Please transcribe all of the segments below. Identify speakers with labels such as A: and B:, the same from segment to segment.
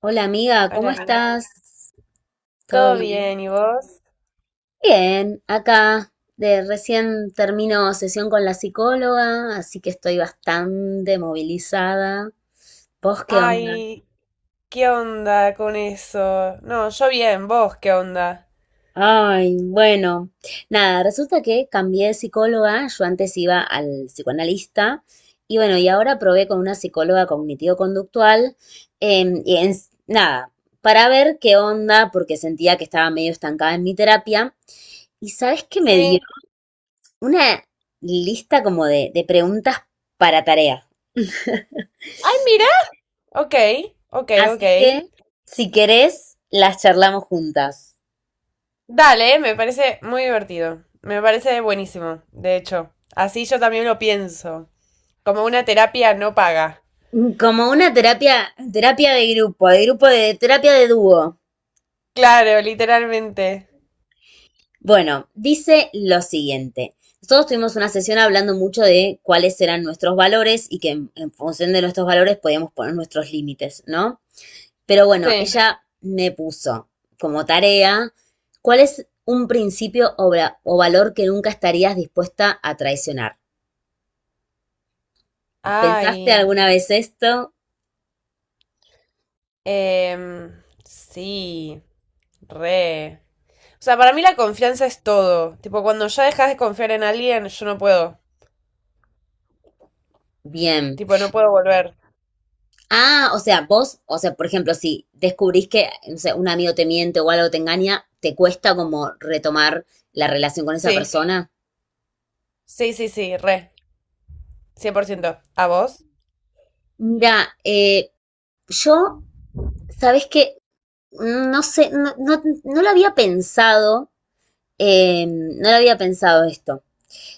A: Hola amiga, ¿cómo
B: Hola, amiga.
A: estás? ¿Todo
B: ¿Todo
A: bien?
B: bien? ¿Y vos?
A: Bien, acá de recién termino sesión con la psicóloga, así que estoy bastante movilizada. ¿Vos qué onda?
B: Ay, ¿qué onda con eso? No, yo bien, ¿vos qué onda?
A: Ay, bueno, nada, resulta que cambié de psicóloga, yo antes iba al psicoanalista y bueno, y ahora probé con una psicóloga cognitivo-conductual y nada, para ver qué onda porque sentía que estaba medio estancada en mi terapia y ¿sabes qué me dio?
B: Sí.
A: Una lista como de preguntas para tareas.
B: Ay, mira. Ok, ok, ok.
A: Así que, si querés, las charlamos juntas.
B: Dale, me parece muy divertido. Me parece buenísimo, de hecho. Así yo también lo pienso. Como una terapia no paga.
A: Como una terapia, terapia de grupo, de grupo de terapia de dúo.
B: Claro, literalmente.
A: Bueno, dice lo siguiente. Nosotros tuvimos una sesión hablando mucho de cuáles eran nuestros valores y que en función de nuestros valores podíamos poner nuestros límites, ¿no? Pero bueno,
B: Sí.
A: ella me puso como tarea, ¿cuál es un principio o valor que nunca estarías dispuesta a traicionar? ¿Pensaste
B: Ay,
A: alguna vez esto?
B: Em, sí, re. O sea, para mí la confianza es todo. Tipo, cuando ya dejas de confiar en alguien, yo no puedo.
A: Bien.
B: Tipo, no puedo volver.
A: Ah, o sea, vos, o sea, por ejemplo, si descubrís que, no sé, un amigo te miente o algo te engaña, ¿te cuesta como retomar la relación con esa
B: Sí,
A: persona?
B: sí, sí, sí, re. Cien por
A: Mm.
B: ciento. ¿A vos?
A: Mira, yo, sabes que no sé, no, no, no lo había pensado, no lo había pensado esto.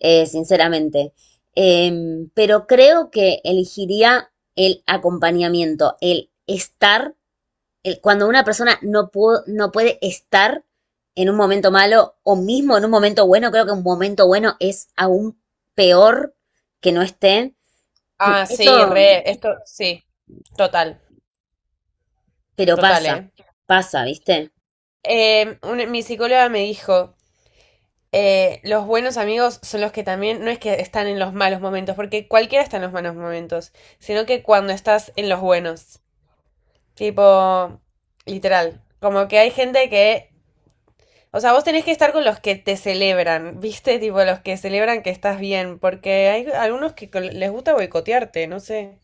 A: Sinceramente. Pero creo que elegiría el acompañamiento, el estar, cuando una persona no puede estar en un momento malo o mismo en un momento bueno, creo que un momento bueno es aún peor que no esté.
B: Ah, sí,
A: Eso,
B: re. Esto, sí. Total,
A: pero
B: total,
A: pasa,
B: ¿eh?
A: pasa, ¿viste?
B: Mi psicóloga me dijo, los buenos amigos son los que también, no es que están en los malos momentos, porque cualquiera está en los malos momentos, sino que cuando estás en los buenos. Tipo, literal. Como que hay gente que. O sea, vos tenés que estar con los que te celebran, ¿viste? Tipo, los que celebran que estás bien. Porque hay algunos que les gusta boicotearte, no sé.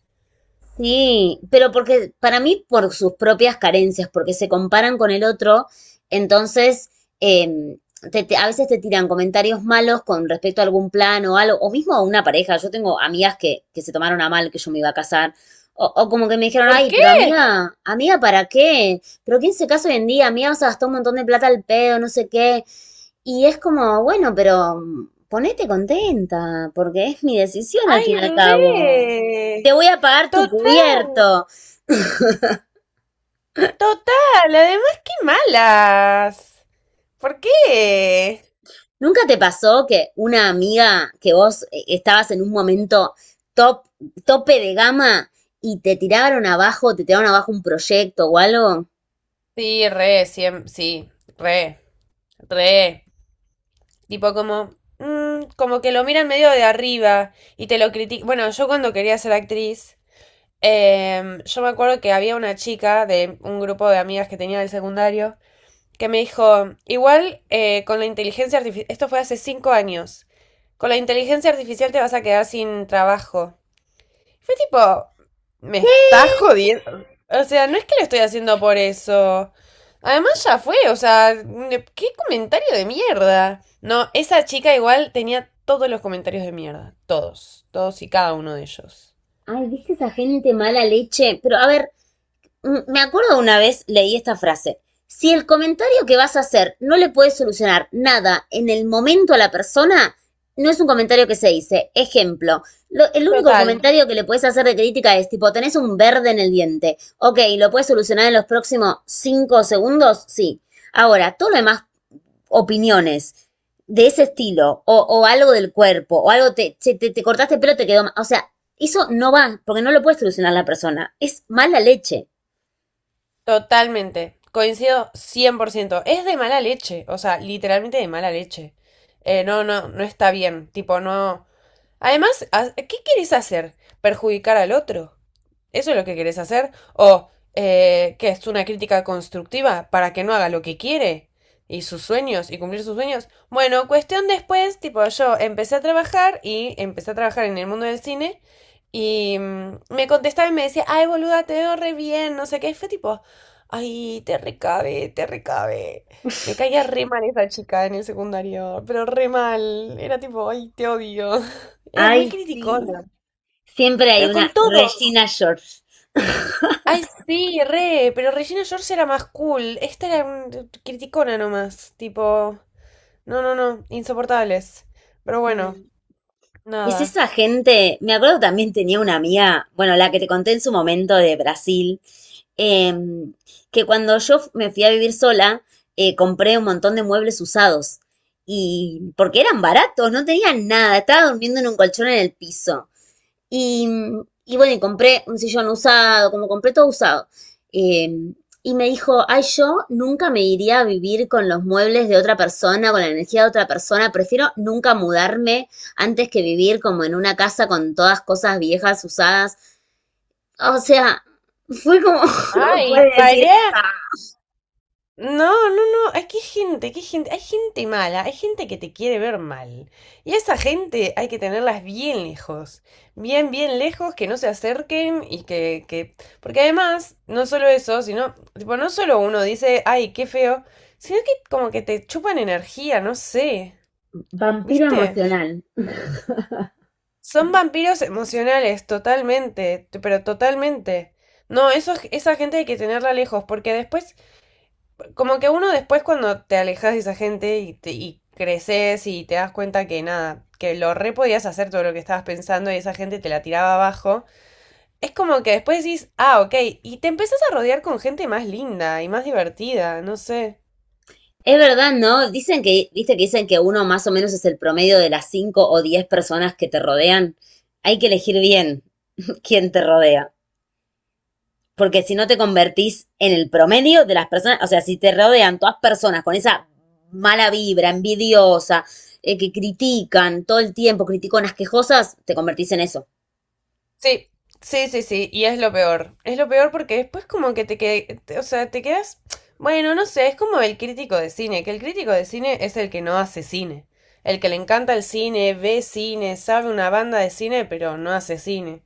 A: Sí, pero porque para mí por sus propias carencias, porque se comparan con el otro, entonces em, a veces te tiran comentarios malos con respecto a algún plan o algo, o mismo a una pareja. Yo tengo amigas que se tomaron a mal que yo me iba a casar, o como que me dijeron,
B: ¿Por
A: ay,
B: qué?
A: pero amiga, amiga, ¿para qué? ¿Pero quién se casa hoy en día? Amiga, vas a gastar un montón de plata al pedo, no sé qué. Y es como, bueno, pero ponete contenta, porque es mi decisión al
B: ¡Ay,
A: fin y al cabo te
B: re!
A: voy a pagar tu
B: Total,
A: cubierto.
B: total. Además, qué malas. ¿Por qué?
A: ¿Nunca te pasó que una amiga que vos estabas en un momento top, tope de gama y te tiraron abajo un proyecto o algo?
B: Sí, re, sí, re, re. Tipo como, mm, como que lo miran medio de arriba y te lo critican. Bueno, yo cuando quería ser actriz, yo me acuerdo que había una chica de un grupo de amigas que tenía del secundario que me dijo, igual con la inteligencia artificial, esto fue hace cinco años, con la inteligencia artificial te vas a quedar sin trabajo. Fue tipo, me
A: ¿Qué?
B: estás jodiendo. O sea, no es que lo estoy haciendo por eso. Además ya fue, o sea, qué comentario de mierda. No, esa chica igual tenía todos los comentarios de mierda. Todos, todos y cada uno de ellos.
A: Ay, ¿viste esa gente mala leche? Pero a ver, me acuerdo una vez leí esta frase. Si el comentario que vas a hacer no le puede solucionar nada en el momento a la persona, no es un comentario que se dice. Ejemplo, el único
B: Total,
A: comentario que le puedes hacer de crítica es tipo, tenés un verde en el diente. Ok, ¿lo puedes solucionar en los próximos 5 segundos? Sí. Ahora, todo lo demás, opiniones de ese estilo, o algo del cuerpo, o algo, te cortaste el pelo, te quedó mal. O sea, eso no va, porque no lo puede solucionar la persona. Es mala leche.
B: totalmente. Coincido cien por ciento. Es de mala leche, o sea, literalmente de mala leche. No, no, no está bien. Tipo, no. Además, ¿qué quieres hacer? ¿Perjudicar al otro? ¿Eso es lo que querés hacer? ¿O qué es una crítica constructiva para que no haga lo que quiere? ¿Y sus sueños? ¿Y cumplir sus sueños? Bueno, cuestión después, tipo, yo empecé a trabajar y empecé a trabajar en el mundo del cine y mm, me contestaba y me decía, ay, boluda, te veo re bien, no sé qué. Y fue tipo, ay, te recabe, te recabe. Me caía re mal esa chica en el secundario, pero re mal. Era tipo, ay, te odio. Era muy
A: Ay, sí.
B: criticona,
A: Siempre hay
B: pero con
A: una
B: todos.
A: Regina George.
B: Ay, sí, re, pero Regina George era más cool. Esta era criticona nomás, tipo, no, no, no, insoportables. Pero bueno,
A: Sí. Es
B: nada.
A: esa gente. Me acuerdo también tenía una amiga, bueno, la que te conté en su momento de Brasil, em, que cuando yo me fui a vivir sola, compré un montón de muebles usados. Y porque eran baratos, no tenían nada, estaba durmiendo en un colchón en el piso. Y, y bueno, y compré un sillón usado, como compré todo usado. Eh, y me dijo, ay, yo nunca me iría a vivir con los muebles de otra persona, con la energía de otra persona, prefiero nunca mudarme antes que vivir como en una casa con todas cosas viejas, usadas. O sea, fue como, no me
B: Ay,
A: puedes decir
B: pará.
A: esa.
B: No, no, no, hay que gente, qué gente, hay gente mala, hay gente que te quiere ver mal. Y a esa gente hay que tenerlas bien lejos, bien, bien lejos, que no se acerquen y que... Porque además, no solo eso, sino, tipo, no solo uno dice, ay, qué feo, sino que como que te chupan energía, no sé.
A: Vampiro
B: ¿Viste?
A: emocional.
B: Son vampiros emocionales, totalmente, pero totalmente. No, eso, esa gente hay que tenerla lejos, porque después, como que uno después cuando te alejas de esa gente y, y creces y te das cuenta que nada, que lo re podías hacer todo lo que estabas pensando y esa gente te la tiraba abajo, es como que después decís, ah, ok, y te empezás a rodear con gente más linda y más divertida, no sé.
A: Es verdad, ¿no? Dicen que, viste que dicen que uno más o menos es el promedio de las 5 o 10 personas que te rodean. Hay que elegir bien quien te rodea. Porque si no te convertís en el promedio de las personas, o sea, si te rodean todas personas con esa mala vibra, envidiosa, que critican todo el tiempo, criticonas quejosas, te convertís en eso.
B: Sí, sí, sí, sí, y es lo peor. Es lo peor porque después como que o sea, te quedas, bueno, no sé, es como el crítico de cine, que el crítico de cine es el que no hace cine, el que le encanta el cine, ve cine, sabe una banda de cine, pero no hace cine.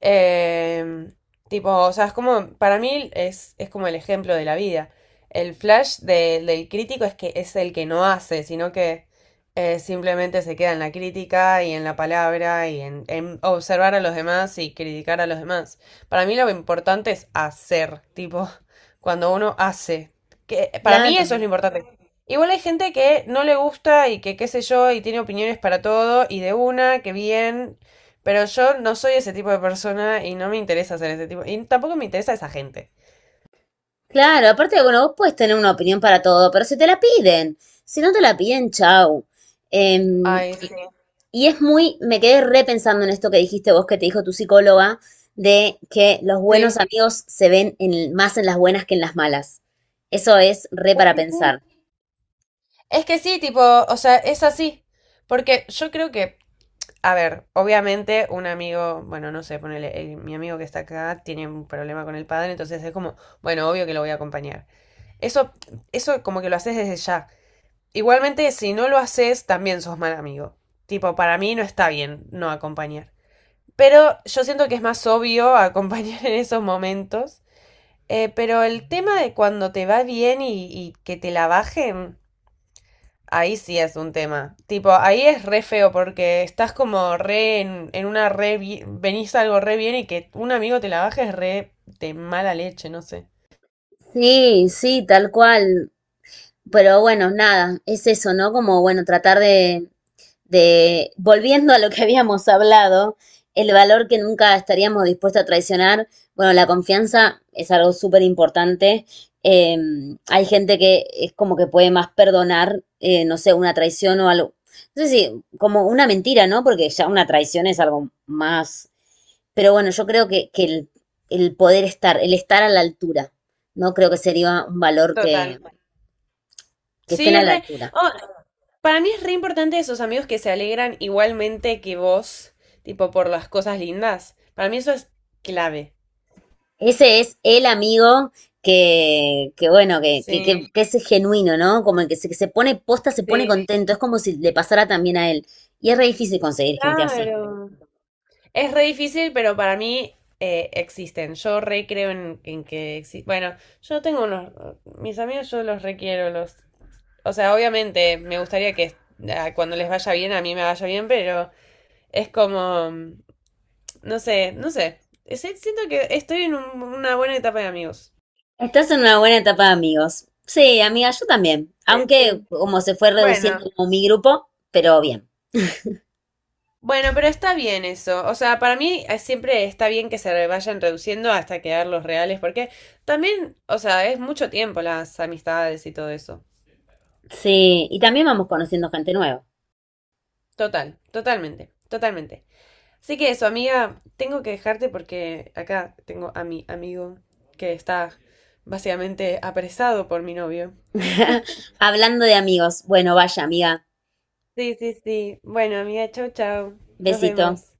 B: Eh, tipo, o sea, es como, para mí es como el ejemplo de la vida. El flash del crítico es que es el que no hace, sino que simplemente se queda en la crítica y en la palabra y en observar a los demás y criticar a los demás. Para mí lo importante es hacer, tipo, cuando uno hace. Que, para mí
A: Claro,
B: eso es lo importante. Igual hay gente que no le gusta y que qué sé yo y tiene opiniones para todo y de una, que bien, pero yo no soy ese tipo de persona y no me interesa ser ese tipo. Y tampoco me interesa esa gente.
A: claro, aparte, bueno, vos puedes tener una opinión para todo, pero si te la piden, si no te la piden, chau. Em,
B: Ay, sí.
A: Y es muy, me quedé repensando en esto que dijiste vos, que te dijo tu psicóloga, de que los buenos
B: Sí.
A: amigos se ven más en las buenas que en las malas. Eso es re
B: Es
A: para
B: que sí.
A: pensar.
B: Es que sí, tipo, o sea, es así. Porque yo creo que, a ver, obviamente un amigo, bueno, no sé, ponele, mi amigo que está acá tiene un problema con el padre, entonces es como, bueno, obvio que lo voy a acompañar. Eso, eso como que lo haces desde ya. Igualmente, si no lo haces, también sos mal amigo. Tipo, para mí no está bien no acompañar. Pero yo siento que es más obvio acompañar en esos momentos. Pero el tema de cuando te va bien y que te la bajen, ahí sí es un tema. Tipo, ahí es re feo porque estás como re en una re... Venís algo re bien y que un amigo te la baje es re de mala leche, no sé.
A: Sí, sí, tal cual. Pero bueno, nada, es eso, ¿no? Como, bueno, tratar volviendo a lo que habíamos hablado, el valor que nunca estaríamos dispuestos a traicionar, bueno, la confianza es algo súper importante. Eh, Hay gente que es como que puede más perdonar, no sé, una traición o algo. No sé si, como una mentira, ¿no? Porque ya una traición es algo más. Pero bueno, yo creo que el poder estar, el estar a la altura, ¿no? Creo que sería un valor que,
B: Total.
A: que estén
B: Sí,
A: a la
B: re.
A: altura.
B: Oh, para mí es re importante esos amigos que se alegran igualmente que vos, tipo por las cosas lindas. Para mí eso es clave.
A: Ese es el amigo que bueno,
B: Sí,
A: que es genuino, ¿no? Como el que que se pone posta, se pone
B: sí.
A: contento. Es como si le pasara también a él. Y es re difícil conseguir gente así.
B: Claro. Es re difícil, pero para mí existen. Yo re creo en que existen. Bueno, yo tengo unos. Mis amigos, yo los requiero. Los... O sea, obviamente me gustaría que ah, cuando les vaya bien, a mí me vaya bien, pero es como. Mm, no sé, no sé. Siento que estoy en una buena etapa de amigos.
A: Estás en una buena etapa de amigos. Sí, amiga, yo también.
B: Sí, sí.
A: Aunque como se fue
B: Bueno.
A: reduciendo como mi grupo, pero bien.
B: Bueno, pero está bien eso. O sea, para mí siempre está bien que se vayan reduciendo hasta quedar los reales, porque también, o sea, es mucho tiempo las amistades y todo eso.
A: Sí, y también vamos conociendo gente nueva.
B: Total, totalmente, totalmente. Así que eso, amiga, tengo que dejarte porque acá tengo a mi amigo que está básicamente apresado por mi novio.
A: Hablando de amigos. Bueno, vaya, amiga.
B: Sí, sí, sí. Bueno, amiga, chau, chau. Nos
A: Besito.
B: vemos.